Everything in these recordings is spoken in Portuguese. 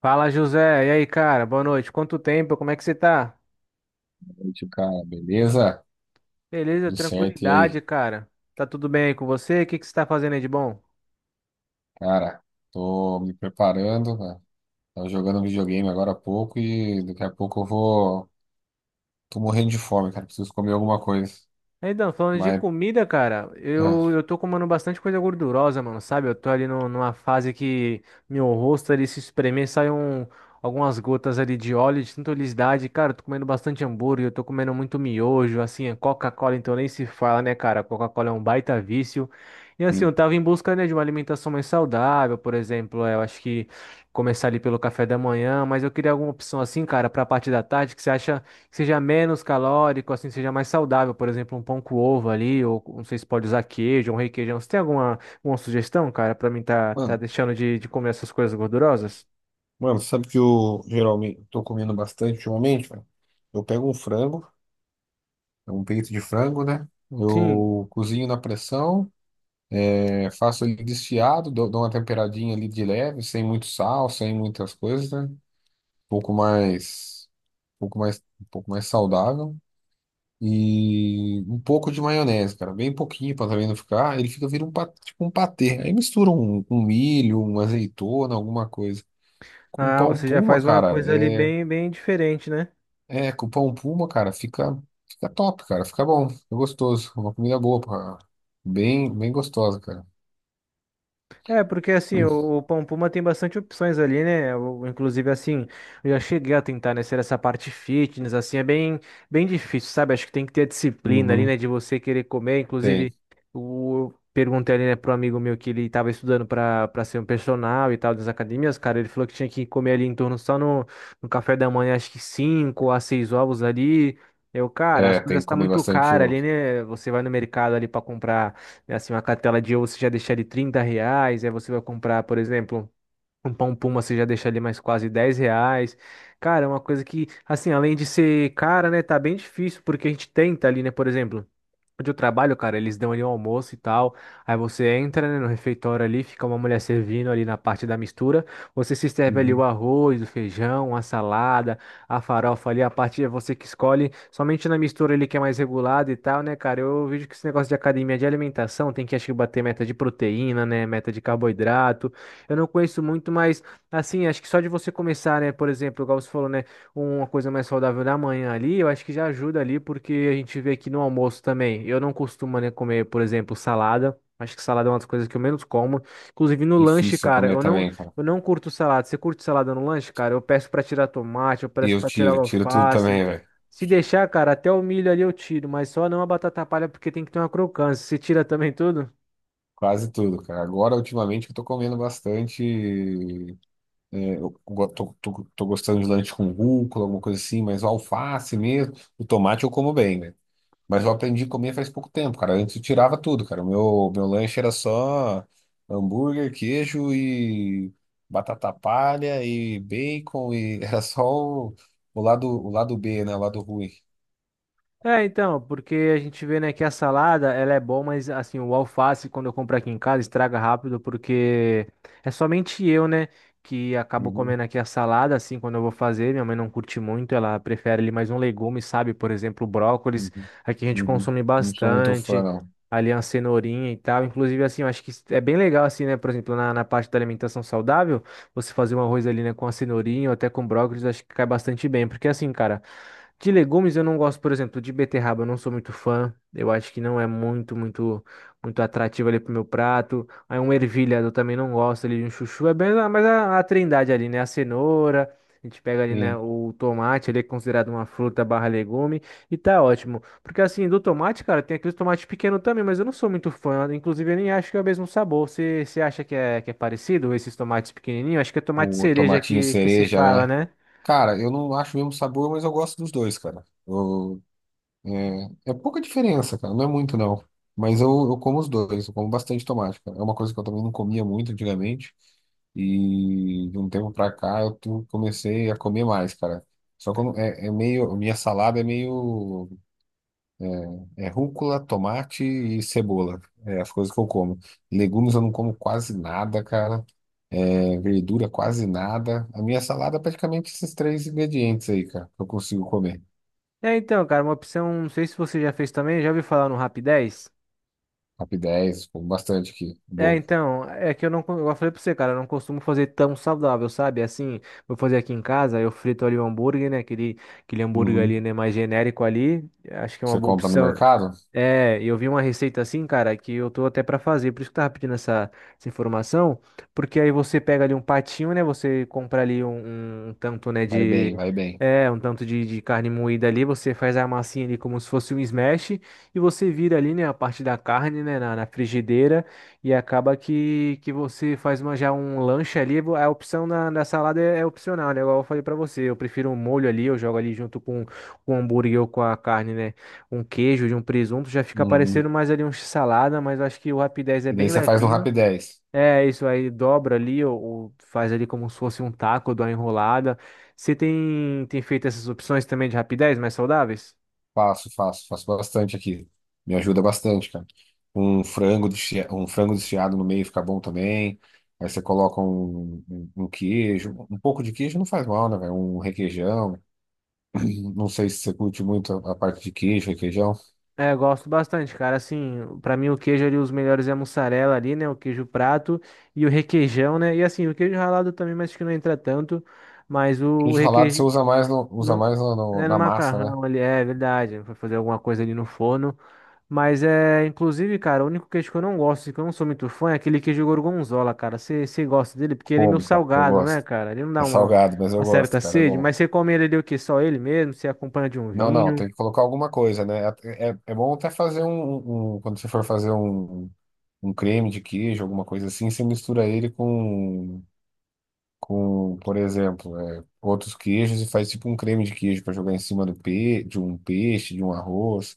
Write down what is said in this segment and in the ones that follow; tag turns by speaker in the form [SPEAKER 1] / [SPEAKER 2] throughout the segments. [SPEAKER 1] Fala, José. E aí, cara? Boa noite. Quanto tempo? Como é que você tá?
[SPEAKER 2] Noite, cara. Beleza?
[SPEAKER 1] Beleza,
[SPEAKER 2] Tudo certo. E
[SPEAKER 1] tranquilidade,
[SPEAKER 2] aí?
[SPEAKER 1] cara. Tá tudo bem aí com você? O que que você tá fazendo aí de bom?
[SPEAKER 2] Cara, tô me preparando, né? Tava jogando videogame agora há pouco e daqui a pouco eu vou. Tô morrendo de fome, cara. Preciso comer alguma coisa.
[SPEAKER 1] Então, falando de
[SPEAKER 2] Mas,
[SPEAKER 1] comida, cara,
[SPEAKER 2] ah,
[SPEAKER 1] eu tô comendo bastante coisa gordurosa, mano, sabe? Eu tô ali numa fase que meu rosto ali se espremer, algumas gotas ali de óleo, de tanta oleosidade. Cara, eu tô comendo bastante hambúrguer, eu tô comendo muito miojo, assim, é Coca-Cola, então nem se fala, né, cara? Coca-Cola é um baita vício. E assim, eu
[SPEAKER 2] enfim.
[SPEAKER 1] tava em busca, né, de uma alimentação mais saudável, por exemplo, eu acho que começar ali pelo café da manhã, mas eu queria alguma opção assim, cara, pra parte da tarde, que você acha que seja menos calórico, assim, seja mais saudável, por exemplo, um pão com ovo ali, ou não sei se pode usar queijo, um requeijão. Você tem alguma sugestão, cara, pra mim tá
[SPEAKER 2] Mano,
[SPEAKER 1] deixando de comer essas coisas gordurosas?
[SPEAKER 2] mano, sabe que eu geralmente tô comendo bastante ultimamente, velho? Eu pego um frango, um peito de frango, né?
[SPEAKER 1] Sim.
[SPEAKER 2] Eu cozinho na pressão, faço ele desfiado, dou uma temperadinha ali de leve, sem muito sal, sem muitas coisas, né? Pouco mais, um pouco mais saudável e um pouco de maionese, cara, bem pouquinho para também não ficar. Ele fica vira um tipo um patê. Aí mistura um milho, uma azeitona, alguma coisa. Com
[SPEAKER 1] Ah,
[SPEAKER 2] pão
[SPEAKER 1] você já
[SPEAKER 2] puma,
[SPEAKER 1] faz uma
[SPEAKER 2] cara,
[SPEAKER 1] coisa ali
[SPEAKER 2] é,
[SPEAKER 1] bem diferente, né?
[SPEAKER 2] é com pão puma, cara, fica top, cara, fica bom, fica gostoso, uma comida boa, bem, bem gostosa, cara.
[SPEAKER 1] É, porque assim, o Pão Puma tem bastante opções ali, né? Inclusive, assim, eu já cheguei a tentar, né, ser essa parte fitness, assim, bem difícil, sabe? Acho que tem que ter a disciplina ali,
[SPEAKER 2] Uhum,
[SPEAKER 1] né, de você querer comer.
[SPEAKER 2] tem,
[SPEAKER 1] Inclusive, eu perguntei ali, né, pro amigo meu que ele tava estudando pra ser um personal e tal das academias, cara, ele falou que tinha que comer ali em torno só no café da manhã, acho que 5 a 6 ovos ali. Eu, cara, as
[SPEAKER 2] é, tem
[SPEAKER 1] coisas
[SPEAKER 2] que
[SPEAKER 1] tá
[SPEAKER 2] comer
[SPEAKER 1] muito
[SPEAKER 2] bastante
[SPEAKER 1] cara ali,
[SPEAKER 2] ovo.
[SPEAKER 1] né? Você vai no mercado ali pra comprar. É assim, uma cartela de ovo você já deixa ali 30 reais, aí você vai comprar, por exemplo, um pão puma, você já deixa ali mais quase 10 reais. Cara, é uma coisa que, assim, além de ser cara, né, tá bem difícil, porque a gente tenta ali, né, por exemplo. Onde eu trabalho, cara, eles dão ali um almoço e tal. Aí você entra, né, no refeitório ali, fica uma mulher servindo ali na parte da mistura. Você se serve ali o
[SPEAKER 2] Uhum.
[SPEAKER 1] arroz, o feijão, a salada, a farofa ali, a parte é você que escolhe. Somente na mistura ali que é mais regulada e tal, né, cara? Eu vejo que esse negócio de academia de alimentação tem que, acho que, bater meta de proteína, né, meta de carboidrato. Eu não conheço muito, mas, assim, acho que só de você começar, né, por exemplo, igual você falou, né? Uma coisa mais saudável da manhã ali, eu acho que já ajuda ali, porque a gente vê aqui no almoço também. Eu não costumo, né, comer, por exemplo, salada. Acho que salada é uma das coisas que eu menos como. Inclusive no lanche,
[SPEAKER 2] Difícil eu
[SPEAKER 1] cara,
[SPEAKER 2] comer também, cara.
[SPEAKER 1] eu não curto salada. Você curte salada no lanche, cara? Eu peço pra tirar tomate, eu
[SPEAKER 2] E
[SPEAKER 1] peço
[SPEAKER 2] eu
[SPEAKER 1] pra tirar
[SPEAKER 2] tiro tudo
[SPEAKER 1] alface.
[SPEAKER 2] também, velho.
[SPEAKER 1] Se deixar, cara, até o milho ali eu tiro, mas só não a batata palha porque tem que ter uma crocância. Você tira também tudo?
[SPEAKER 2] Quase tudo, cara. Agora, ultimamente, eu tô comendo bastante. É, eu tô gostando de lanche com rúcula, alguma coisa assim, mas o alface mesmo, o tomate eu como bem, né? Mas eu aprendi a comer faz pouco tempo, cara. Antes eu tirava tudo, cara. O meu lanche era só hambúrguer, queijo e batata palha e bacon e era só o lado B, né? O lado ruim.
[SPEAKER 1] É, então, porque a gente vê, né, que a salada, ela é boa, mas, assim, o alface, quando eu compro aqui em casa, estraga rápido, porque é somente eu, né, que acabo
[SPEAKER 2] Uhum,
[SPEAKER 1] comendo aqui a salada, assim, quando eu vou fazer. Minha mãe não curte muito, ela prefere ali mais um legume, sabe? Por exemplo, brócolis,
[SPEAKER 2] uhum,
[SPEAKER 1] aqui a gente
[SPEAKER 2] uhum.
[SPEAKER 1] consome
[SPEAKER 2] Não sou muito fã,
[SPEAKER 1] bastante,
[SPEAKER 2] não.
[SPEAKER 1] ali uma cenourinha e tal. Inclusive, assim, eu acho que é bem legal, assim, né, por exemplo, na parte da alimentação saudável, você fazer um arroz ali, né, com a cenourinha ou até com brócolis, eu acho que cai bastante bem, porque, assim, cara. De legumes eu não gosto, por exemplo, de beterraba, eu não sou muito fã. Eu acho que não é muito atrativo ali pro meu prato. Aí um ervilha eu também não gosto ali um chuchu. É bem, mas a trindade ali, né? A cenoura, a gente pega ali, né,
[SPEAKER 2] Sim,
[SPEAKER 1] o tomate, ele é considerado uma fruta barra legume e tá ótimo. Porque assim, do tomate, cara, tem aqueles tomates pequenos também, mas eu não sou muito fã. Inclusive, eu nem acho que é o mesmo sabor. Você acha que é parecido esses tomates pequenininhos? Acho que é tomate
[SPEAKER 2] o
[SPEAKER 1] cereja
[SPEAKER 2] tomatinho
[SPEAKER 1] que se
[SPEAKER 2] cereja,
[SPEAKER 1] fala,
[SPEAKER 2] né?
[SPEAKER 1] né?
[SPEAKER 2] Cara, eu não acho o mesmo sabor, mas eu gosto dos dois, cara. Eu- é, é pouca diferença, cara. Não é muito, não. Mas eu como os dois, eu como bastante tomate, cara. É uma coisa que eu também não comia muito antigamente. E de um tempo pra cá eu comecei a comer mais, cara. Só que eu não- é, é meio. Minha salada é meio. É é rúcula, tomate e cebola. É as coisas que eu como. Legumes eu não como quase nada, cara. É, verdura quase nada. A minha salada é praticamente esses três ingredientes aí, cara, que eu consigo comer.
[SPEAKER 1] É, então, cara, uma opção, não sei se você já fez também, já ouviu falar no Rap 10?
[SPEAKER 2] Top 10, como bastante aqui.
[SPEAKER 1] É,
[SPEAKER 2] Bom.
[SPEAKER 1] então, é que eu não, co- eu falei pra você, cara, eu não costumo fazer tão saudável, sabe? Assim, vou fazer aqui em casa, eu frito ali o hambúrguer, né? Aquele hambúrguer
[SPEAKER 2] Uhum.
[SPEAKER 1] ali, né, mais genérico ali, acho que é uma
[SPEAKER 2] Você
[SPEAKER 1] boa
[SPEAKER 2] compra no
[SPEAKER 1] opção.
[SPEAKER 2] mercado?
[SPEAKER 1] É, eu vi uma receita assim, cara, que eu tô até pra fazer, por isso que eu tava pedindo essa informação, porque aí você pega ali um patinho, né? Você compra ali um tanto, né,
[SPEAKER 2] Vai bem,
[SPEAKER 1] de...
[SPEAKER 2] vai bem.
[SPEAKER 1] É, um tanto de carne moída ali, você faz a massinha ali como se fosse um smash, e você vira ali, né, a parte da carne, né, na frigideira, e acaba que você faz uma, já um lanche ali, a opção da salada é, é opcional, né? Igual eu falei pra você, eu prefiro um molho ali, eu jogo ali junto com o hambúrguer ou com a carne, né? Um queijo de um presunto, já fica
[SPEAKER 2] Uhum.
[SPEAKER 1] parecendo mais ali um salada, mas eu acho que o Rapidez é
[SPEAKER 2] E daí
[SPEAKER 1] bem
[SPEAKER 2] você faz no
[SPEAKER 1] levinho.
[SPEAKER 2] Rap.
[SPEAKER 1] É isso aí, dobra ali ou faz ali como se fosse um taco, dá uma enrolada. Você tem feito essas opções também de Rapidez mais saudáveis?
[SPEAKER 2] Faço, faço, faço bastante aqui. Me ajuda bastante, cara. Um um frango desfiado no meio fica bom também. Aí você coloca um queijo, um pouco de queijo não faz mal, né, velho? Um requeijão. Não sei se você curte muito a parte de queijo, requeijão.
[SPEAKER 1] É, eu gosto bastante, cara. Assim, pra mim o queijo ali, os melhores é a mussarela ali, né? O queijo prato e o requeijão, né? E assim, o queijo ralado também, mas acho que não entra tanto. Mas o
[SPEAKER 2] Queijo ralado você
[SPEAKER 1] requeijão.
[SPEAKER 2] usa mais usa
[SPEAKER 1] Não.
[SPEAKER 2] mais
[SPEAKER 1] É no
[SPEAKER 2] na massa, né?
[SPEAKER 1] macarrão ali, é verdade. Vai fazer alguma coisa ali no forno. Mas é, inclusive, cara, o único queijo que eu não gosto, e que eu não sou muito fã, é aquele queijo gorgonzola, cara. Você gosta dele? Porque ele é meio
[SPEAKER 2] Como, cara? Eu
[SPEAKER 1] salgado, né,
[SPEAKER 2] gosto.
[SPEAKER 1] cara? Ele não dá
[SPEAKER 2] É salgado, mas eu
[SPEAKER 1] uma
[SPEAKER 2] gosto,
[SPEAKER 1] certa
[SPEAKER 2] cara. É
[SPEAKER 1] sede,
[SPEAKER 2] bom.
[SPEAKER 1] mas você come ele ali o quê? Só ele mesmo? Você acompanha de um
[SPEAKER 2] Não, não,
[SPEAKER 1] vinho?
[SPEAKER 2] tem que colocar alguma coisa, né? É, é, é bom até fazer quando você for fazer um um creme de queijo, alguma coisa assim, você mistura ele com, por exemplo, é, outros queijos e faz tipo um creme de queijo para jogar em cima do pe de um peixe, de um arroz.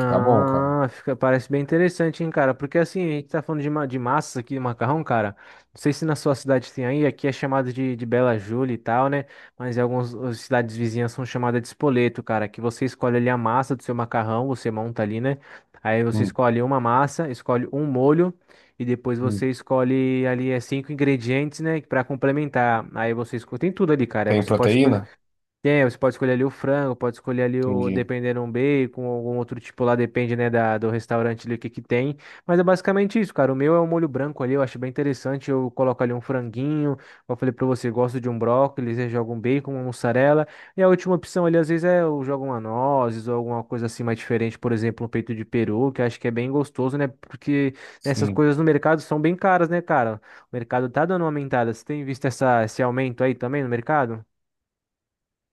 [SPEAKER 2] Fica bom, cara.
[SPEAKER 1] fica, parece bem interessante, hein, cara? Porque assim, a gente tá falando de massas aqui, de macarrão, cara. Não sei se na sua cidade tem aí, aqui é chamado de Bela Júlia e tal, né? Mas em algumas as cidades vizinhas são chamadas de espoleto, cara. Que você escolhe ali a massa do seu macarrão, você monta ali, né? Aí você
[SPEAKER 2] Hum,
[SPEAKER 1] escolhe uma massa, escolhe um molho e depois
[SPEAKER 2] hum.
[SPEAKER 1] você escolhe ali 5 ingredientes, né? Pra complementar. Aí você escolhe, tem tudo ali, cara. Aí
[SPEAKER 2] Tem
[SPEAKER 1] você pode escolher.
[SPEAKER 2] proteína?
[SPEAKER 1] Tem, você pode escolher ali o frango, pode escolher ali o,
[SPEAKER 2] Entendi.
[SPEAKER 1] dependendo, um bacon, algum outro tipo lá, depende, né, do restaurante ali o que que tem. Mas é basicamente isso, cara. O meu é um molho branco ali, eu acho bem interessante. Eu coloco ali um franguinho, como eu falei pra você, gosto de um brócolis, eu jogo um bacon, uma mussarela. E a última opção ali, às vezes, é eu jogo uma nozes ou alguma coisa assim mais diferente, por exemplo, um peito de peru, que eu acho que é bem gostoso, né? Porque essas
[SPEAKER 2] Sim.
[SPEAKER 1] coisas no mercado são bem caras, né, cara? O mercado tá dando uma aumentada. Você tem visto esse aumento aí também no mercado?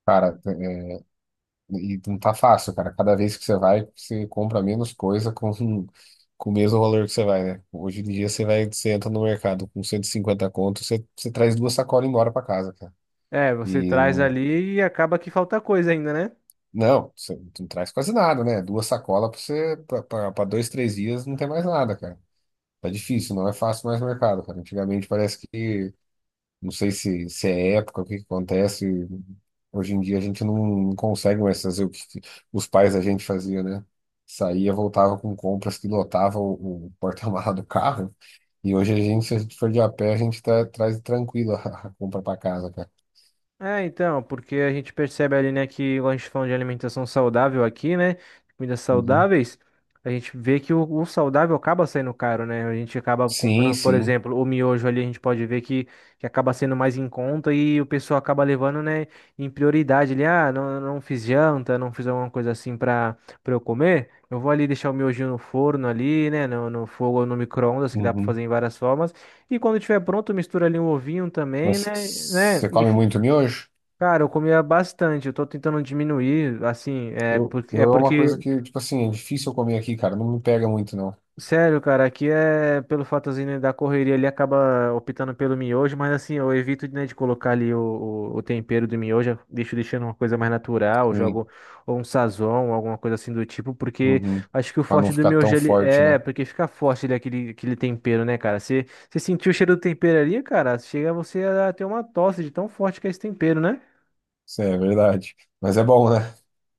[SPEAKER 2] Cara, é, e não tá fácil, cara. Cada vez que você vai, você compra menos coisa com o mesmo valor que você vai, né? Hoje em dia você vai, você entra no mercado com 150 conto, você traz duas sacolas embora para casa, cara.
[SPEAKER 1] É, você
[SPEAKER 2] E
[SPEAKER 1] traz ali e acaba que falta coisa ainda, né?
[SPEAKER 2] não, você não traz quase nada, né? Duas sacolas pra você, para dois, três dias não tem mais nada, cara. Tá difícil, não é fácil mais mercado, cara. Antigamente parece que, não sei se é época, o que que acontece. Hoje em dia a gente não consegue mais fazer o que os pais da gente faziam, né? Saía, voltava com compras que lotava o porta-mala do carro. E hoje a gente, se a gente for de a pé, a gente tá, traz tranquilo a compra pra casa, cara.
[SPEAKER 1] É, então, porque a gente percebe ali, né, que quando a gente fala de alimentação saudável aqui, né, comidas
[SPEAKER 2] Uhum.
[SPEAKER 1] saudáveis, a gente vê que o saudável acaba saindo caro, né? A gente acaba
[SPEAKER 2] Sim,
[SPEAKER 1] comprando, por
[SPEAKER 2] sim.
[SPEAKER 1] exemplo, o miojo ali, a gente pode ver que acaba sendo mais em conta e o pessoal acaba levando, né, em prioridade ali, ah, não fiz janta, não fiz alguma coisa assim pra, pra eu comer, eu vou ali deixar o miojinho no forno ali, né, no fogo ou no micro-ondas, que dá pra
[SPEAKER 2] Uhum.
[SPEAKER 1] fazer em várias formas, e quando tiver pronto, mistura ali um ovinho também,
[SPEAKER 2] Mas
[SPEAKER 1] né,
[SPEAKER 2] você
[SPEAKER 1] e,
[SPEAKER 2] come muito miojo?
[SPEAKER 1] cara, eu comia bastante, eu tô tentando diminuir, assim,
[SPEAKER 2] Eu, eu é uma coisa que, tipo assim, é difícil eu comer aqui, cara. Não me pega muito, não.
[SPEAKER 1] sério, cara, aqui é pelo fatozinho né, da correria, ele acaba optando pelo miojo, mas assim, eu evito, né, de colocar ali o tempero do miojo, eu deixo deixando uma coisa mais natural,
[SPEAKER 2] Sim.
[SPEAKER 1] jogo ou um sazon, alguma coisa assim do tipo, porque
[SPEAKER 2] Uhum.
[SPEAKER 1] acho que o
[SPEAKER 2] Pra
[SPEAKER 1] forte
[SPEAKER 2] não
[SPEAKER 1] do
[SPEAKER 2] ficar tão
[SPEAKER 1] miojo, ele
[SPEAKER 2] forte,
[SPEAKER 1] é,
[SPEAKER 2] né?
[SPEAKER 1] porque fica forte ele, aquele tempero, né, cara, você, você sentiu o cheiro do tempero ali, cara, chega você a ter uma tosse de tão forte que é esse tempero, né?
[SPEAKER 2] Isso é verdade. Mas é bom, né?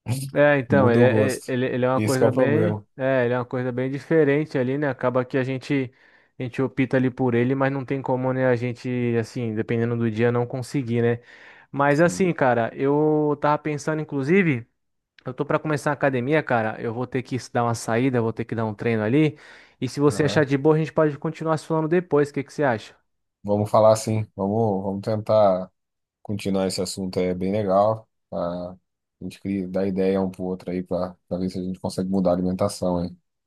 [SPEAKER 1] É, então,
[SPEAKER 2] Muda o gosto.
[SPEAKER 1] ele é uma
[SPEAKER 2] Esse que é
[SPEAKER 1] coisa
[SPEAKER 2] o
[SPEAKER 1] bem,
[SPEAKER 2] problema.
[SPEAKER 1] é, ele é uma coisa bem diferente ali, né? Acaba que a gente opta ali por ele, mas não tem como, né, a gente, assim, dependendo do dia, não conseguir, né? Mas
[SPEAKER 2] Sim.
[SPEAKER 1] assim, cara, eu tava pensando, inclusive, eu tô pra começar a academia, cara, eu vou ter que dar uma saída, eu vou ter que dar um treino ali, e se você achar
[SPEAKER 2] Aham.
[SPEAKER 1] de boa, a gente pode continuar se falando depois, o que que você acha?
[SPEAKER 2] Vamos falar assim. Vamos tentar continuar esse assunto. É bem legal. Tá? A gente dá ideia um pro outro aí, pra pra ver se a gente consegue mudar a alimentação, hein?